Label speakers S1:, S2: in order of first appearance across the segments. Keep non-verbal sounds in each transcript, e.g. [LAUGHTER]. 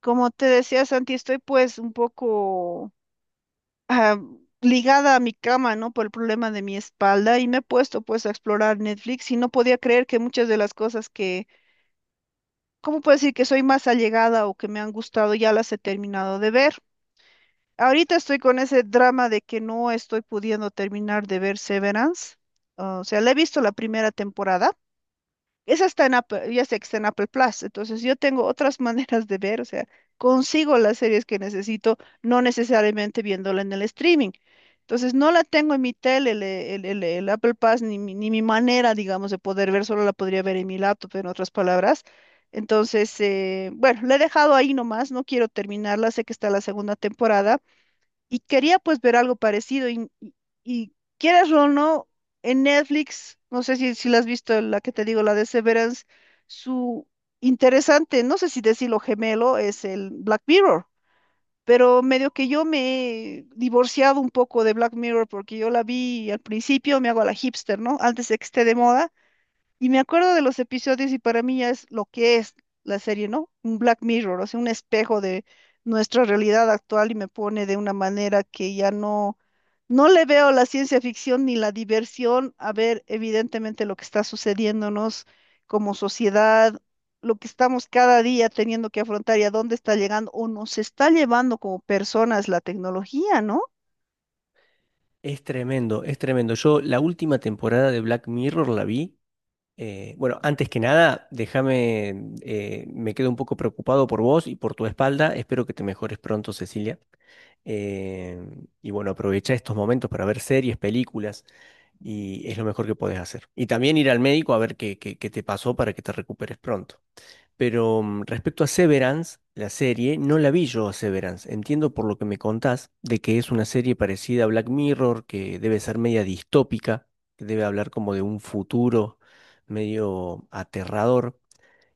S1: Como te decía, Santi, estoy pues un poco ah, ligada a mi cama, ¿no? Por el problema de mi espalda y me he puesto pues a explorar Netflix y no podía creer que muchas de las cosas que, ¿cómo puedo decir que soy más allegada o que me han gustado ya las he terminado de ver? Ahorita estoy con ese drama de que no estoy pudiendo terminar de ver Severance. O sea, la he visto la primera temporada. Esa está en Apple, ya sé que está en Apple Plus, entonces yo tengo otras [LAUGHS] maneras de ver, o sea, consigo las series que necesito, no necesariamente viéndola en el streaming. Entonces no la tengo en mi tele, el Apple Plus, ni, ni mi manera, digamos, de poder ver, solo la podría ver en mi laptop, en otras palabras. Entonces, bueno, la he dejado ahí nomás, no quiero terminarla, sé que está la segunda temporada, y quería pues ver algo parecido y quieras o no, en Netflix, no sé si la has visto, la que te digo, la de Severance, su interesante, no sé si decirlo gemelo, es el Black Mirror, pero medio que yo me he divorciado un poco de Black Mirror porque yo la vi al principio, me hago a la hipster, ¿no? Antes de que esté de moda. Y me acuerdo de los episodios y para mí ya es lo que es la serie, ¿no? Un Black Mirror, o sea, un espejo de nuestra realidad actual y me pone de una manera que ya no, no le veo la ciencia ficción ni la diversión a ver evidentemente lo que está sucediéndonos como sociedad, lo que estamos cada día teniendo que afrontar y a dónde está llegando o nos está llevando como personas la tecnología, ¿no?
S2: Es tremendo, es tremendo. Yo la última temporada de Black Mirror la vi. Bueno, Antes que nada, déjame, me quedo un poco preocupado por vos y por tu espalda. Espero que te mejores pronto, Cecilia. Eh, y bueno, aprovecha estos momentos para ver series, películas, y es lo mejor que podés hacer. Y también ir al médico a ver qué te pasó para que te recuperes pronto. Pero respecto a Severance, la serie, no la vi yo a Severance. Entiendo por lo que me contás de que es una serie parecida a Black Mirror, que debe ser media distópica, que debe hablar como de un futuro medio aterrador.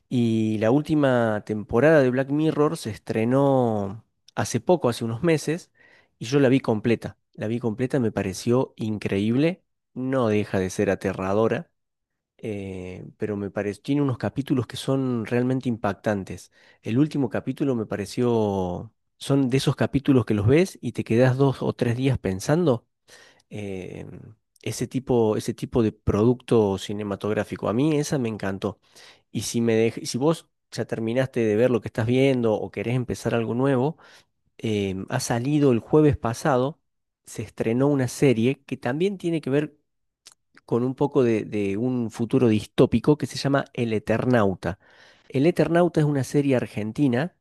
S2: Y la última temporada de Black Mirror se estrenó hace poco, hace unos meses, y yo la vi completa. La vi completa, me pareció increíble, no deja de ser aterradora, pero me pareció, tiene unos capítulos que son realmente impactantes. El último capítulo me pareció, son de esos capítulos que los ves y te quedas dos o tres días pensando. eh, ese tipo de producto cinematográfico. A mí esa me encantó. Y si si vos ya terminaste de ver lo que estás viendo o querés empezar algo nuevo, ha salido el jueves pasado, se estrenó una serie que también tiene que ver con un poco de un futuro distópico que se llama El Eternauta. El Eternauta es una serie argentina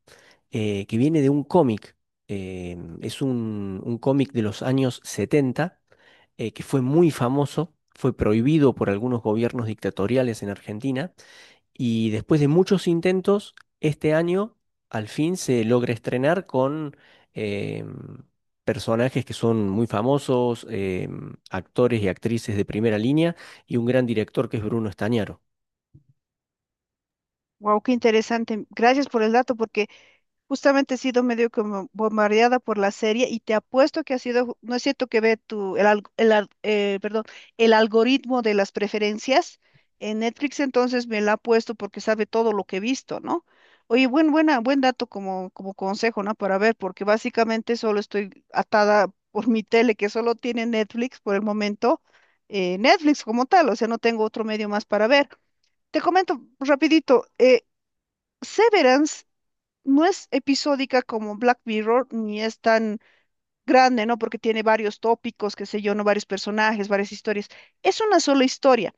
S2: que viene de un cómic. eh, es un cómic de los años 70 que fue muy famoso, fue prohibido por algunos gobiernos dictatoriales en Argentina y después de muchos intentos, este año al fin se logra estrenar con em, personajes que son muy famosos, actores y actrices de primera línea y un gran director que es Bruno Estañaro.
S1: Wow, qué interesante. Gracias por el dato porque justamente he sido medio como bombardeada por la serie y te apuesto que ha sido, no es cierto que ve tu, el, alg- el al- perdón, el algoritmo de las preferencias en Netflix, entonces me la ha puesto porque sabe todo lo que he visto, ¿no? Oye, buen dato como consejo, ¿no? Para ver, porque básicamente solo estoy atada por mi tele, que solo tiene Netflix por el momento, Netflix como tal, o sea, no tengo otro medio más para ver. Te comento rapidito, Severance no es episódica como Black Mirror, ni es tan grande, ¿no? Porque tiene varios tópicos, qué sé yo, ¿no? Varios personajes, varias historias. Es una sola historia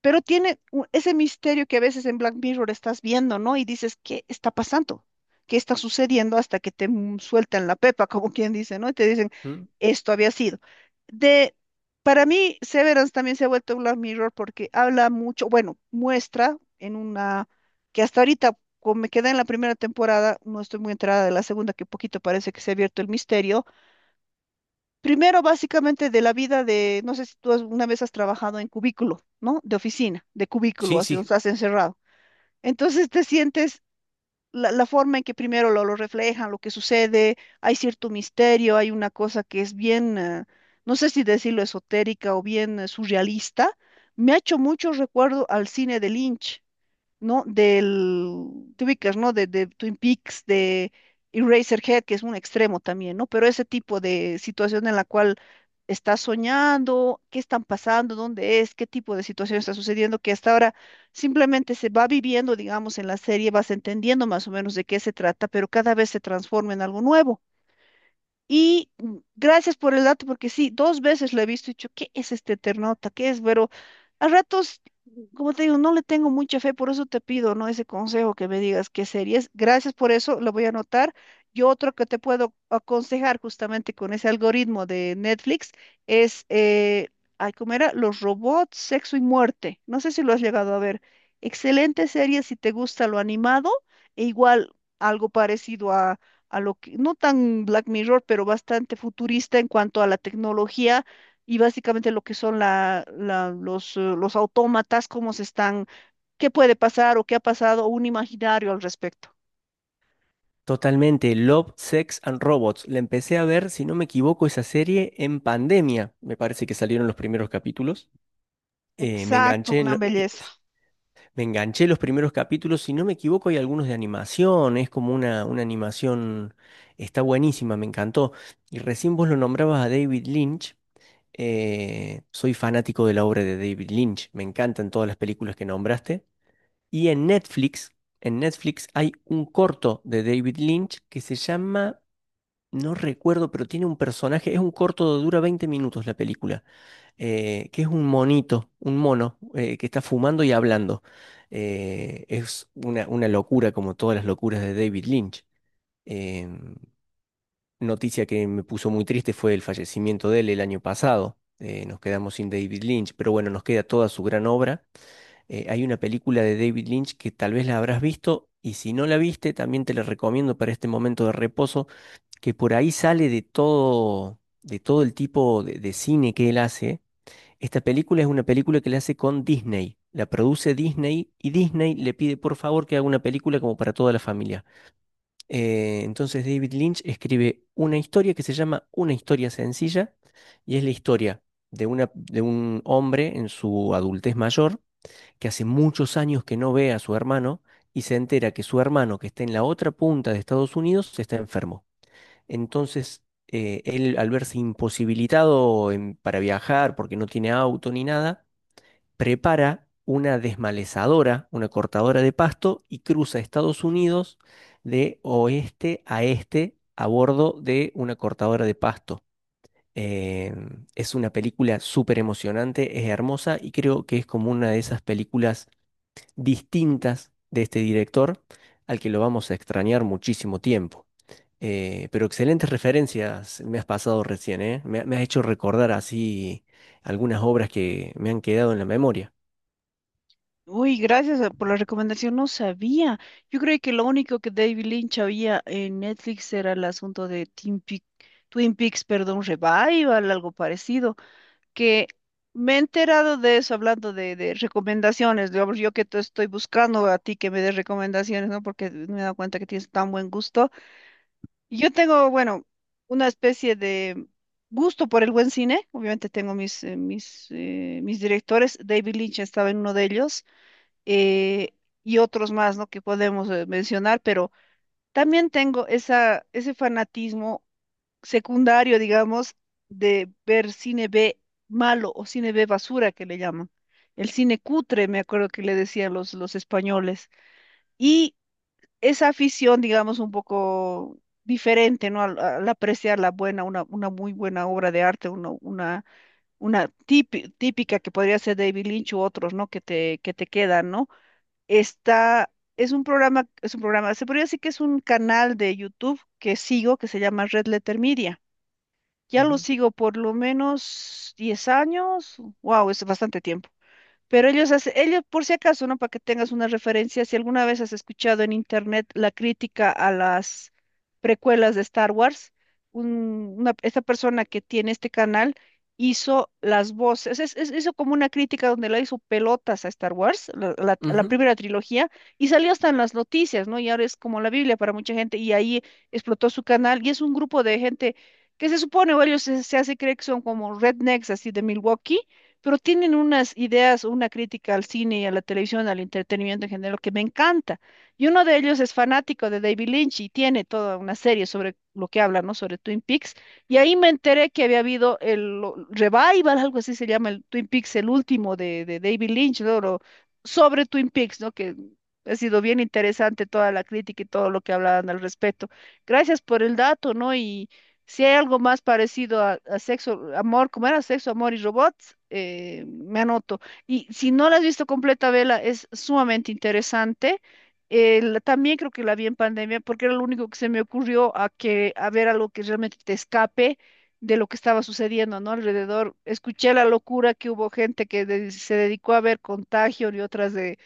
S1: pero tiene ese misterio que a veces en Black Mirror estás viendo, ¿no? Y dices, ¿qué está pasando? ¿Qué está sucediendo? Hasta que te sueltan la pepa, [LAUGHS] como quien dice, ¿no? Y te dicen,
S2: ¿Mm?
S1: esto había sido. De, para mí, Severance también se ha vuelto Black Mirror porque habla mucho, bueno, muestra en una, que hasta ahorita, como me quedé en la primera temporada, no estoy muy enterada de la segunda, que poquito parece que se ha abierto el misterio. Primero, básicamente, de la vida de, no sé si tú alguna vez has trabajado en cubículo, ¿no? De oficina, de cubículo,
S2: Sí,
S1: así donde
S2: sí.
S1: estás encerrado. Entonces te sientes la forma en que primero lo reflejan, lo que sucede, hay cierto misterio, hay una cosa que es bien, no sé si decirlo esotérica o bien surrealista. Me ha hecho mucho recuerdo al cine de Lynch, ¿no? Te ubicas, ¿no? De Twin Peaks, de Eraserhead, que es un extremo también, ¿no? Pero ese tipo de situación en la cual estás soñando, qué están pasando, dónde es, qué tipo de situación está sucediendo, que hasta ahora simplemente se va viviendo, digamos, en la serie, vas entendiendo más o menos de qué se trata, pero cada vez se transforma en algo nuevo. Y gracias por el dato, porque sí, dos veces lo he visto y he dicho, ¿qué es este Eternauta? ¿Qué es? Pero a ratos, como te digo, no le tengo mucha fe, por eso te pido, ¿no? Ese consejo que me digas qué series. Gracias por eso, lo voy a anotar. Y otro que te puedo aconsejar justamente con ese algoritmo de Netflix es, ay, ¿cómo era? Los robots, sexo y muerte. No sé si lo has llegado a ver. Excelente serie si te gusta lo animado e igual algo parecido a lo que, no tan Black Mirror, pero bastante futurista en cuanto a la tecnología y básicamente lo que son los autómatas, cómo se están, qué puede pasar o qué ha pasado, o un imaginario al respecto.
S2: Totalmente, Love, Sex and Robots. La empecé a ver, si no me equivoco, esa serie en pandemia. Me parece que salieron los primeros capítulos. Eh, me
S1: Exacto,
S2: enganché en
S1: una
S2: lo- eh,
S1: belleza.
S2: Me enganché los primeros capítulos, si no me equivoco, hay algunos de animación, es como una animación, está buenísima, me encantó. Y recién vos lo nombrabas a David Lynch, soy fanático de la obra de David Lynch, me encantan todas las películas que nombraste. Y en Netflix hay un corto de David Lynch que se llama, no recuerdo, pero tiene un personaje, es un corto, dura 20 minutos la película que es un monito, un mono, que está fumando y hablando. Es una locura, como todas las locuras de David Lynch. Eh, Noticia que me puso muy triste fue el fallecimiento de él el año pasado. Nos quedamos sin David Lynch, pero bueno, nos queda toda su gran obra. Hay una película de David Lynch que tal vez la habrás visto. Y si no la viste, también te la recomiendo para este momento de reposo, que por ahí sale de todo el tipo de cine que él hace. Esta película es una película que le hace con Disney. La produce Disney y Disney le pide por favor que haga una película como para toda la familia. Entonces David Lynch escribe una historia que se llama Una historia sencilla y es la historia de un hombre en su adultez mayor que hace muchos años que no ve a su hermano y se entera que su hermano que está en la otra punta de Estados Unidos está enfermo. Entonces él al verse para viajar porque no tiene auto ni nada, prepara una desmalezadora, una cortadora de pasto y cruza Estados Unidos de oeste a este a bordo de una cortadora de pasto. Eh, es una película súper emocionante, es hermosa y creo que es como una de esas películas distintas de este director al que lo vamos a extrañar muchísimo tiempo. Pero excelentes referencias me has pasado recién, ¿eh? Me has hecho recordar así algunas obras que me han quedado en la memoria.
S1: Uy, gracias por la recomendación, no sabía. Yo creo que lo único que David Lynch había en Netflix era el asunto de Twin Peaks, perdón, Revival, algo parecido. Que me he enterado de eso hablando de recomendaciones, digamos, yo que te estoy buscando a ti que me des recomendaciones, ¿no? Porque me he dado cuenta que tienes tan buen gusto. Yo tengo, bueno, una especie de gusto por el buen cine, obviamente tengo mis directores, David Lynch estaba en uno de ellos, eh, y otros más, ¿no? Que podemos mencionar, pero también tengo ese fanatismo secundario, digamos, de ver cine B malo o cine B basura que le llaman. El cine cutre, me acuerdo que le decían los españoles. Y esa afición, digamos, un poco diferente, ¿no? Al apreciar la buena, una muy buena obra de arte, típica que podría ser David Lynch u otros, ¿no? Que te quedan, ¿no? Está, es un programa, se podría decir que es un canal de YouTube que sigo que se llama Red Letter Media. Ya lo
S2: Ujú.
S1: sigo por lo menos 10 años. Wow, es bastante tiempo. Pero ellos hacen, ellos, por si acaso, ¿no? Para que tengas una referencia, si alguna vez has escuchado en internet la crítica a las precuelas de Star Wars, esta persona que tiene este canal hizo las voces, hizo como una crítica donde la hizo pelotas a Star Wars, la
S2: Ujú.
S1: primera trilogía, y salió hasta en las noticias, ¿no? Y ahora es como la Biblia para mucha gente, y ahí explotó su canal, y es un grupo de gente que se supone, o ellos se hace creer que son como rednecks así de Milwaukee pero tienen unas ideas, una crítica al cine y a la televisión, al entretenimiento en general, que me encanta. Y uno de ellos es fanático de David Lynch y tiene toda una serie sobre lo que habla, ¿no? Sobre Twin Peaks. Y ahí me enteré que había habido el revival, algo así se llama, el Twin Peaks, el último de David Lynch, ¿no? Sobre Twin Peaks, ¿no? Que ha sido bien interesante toda la crítica y todo lo que hablaban al respecto. Gracias por el dato, ¿no? Y si hay algo más parecido a sexo, amor, ¿cómo era? Sexo, amor y robots, me anoto. Y si no la has visto completa, vela, es sumamente interesante. También creo que la vi en pandemia porque era lo único que se me ocurrió a que a ver algo que realmente te escape de lo que estaba sucediendo, ¿no? Alrededor. Escuché la locura que hubo gente que se dedicó a ver Contagio y otras de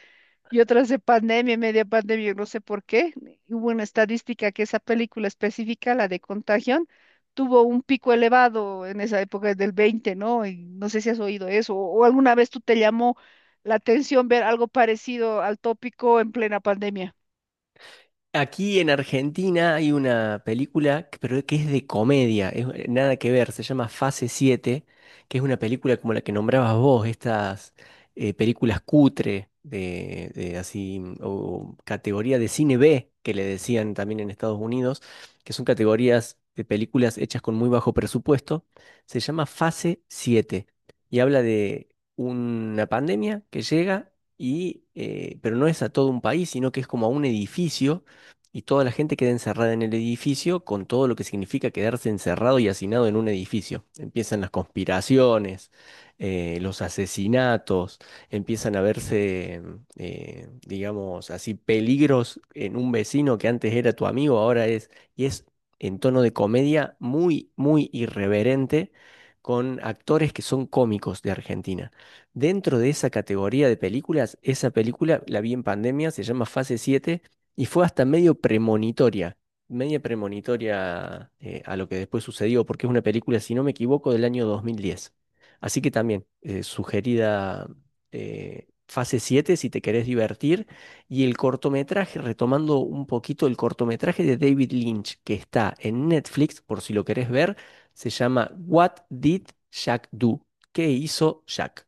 S1: y otras de pandemia, media pandemia, yo no sé por qué. Hubo una estadística que esa película específica, la de Contagion, tuvo un pico elevado en esa época del 20, ¿no? Y no sé si has oído eso o alguna vez tú te llamó la atención ver algo parecido al tópico en plena pandemia.
S2: Aquí en Argentina hay una película, pero que es de comedia, es nada que ver, se llama Fase siete, que es una película como la que nombrabas vos, estas películas cutre de así, o categoría de cine B, que le decían también en Estados Unidos, que son categorías de películas hechas con muy bajo presupuesto, se llama Fase siete y habla de una pandemia que llega y, pero no es a todo un país, sino que es como a un edificio y toda la gente queda encerrada en el edificio con todo lo que significa quedarse encerrado y hacinado en un edificio. Empiezan las conspiraciones, los asesinatos, empiezan a verse, digamos así, peligros en un vecino que antes era tu amigo, ahora es, y es en tono de comedia muy, muy irreverente. Con actores que son cómicos de Argentina. Dentro de esa categoría de películas, esa película la vi en pandemia, se llama Fase siete y fue hasta medio premonitoria a lo que después sucedió, porque es una película, si no me equivoco, del año 2010. Así que también, sugerida fase siete si te querés divertir. Y el cortometraje, retomando un poquito el cortometraje de David Lynch, que está en Netflix, por si lo querés ver, se llama What Did Jack Do? ¿Qué hizo Jack?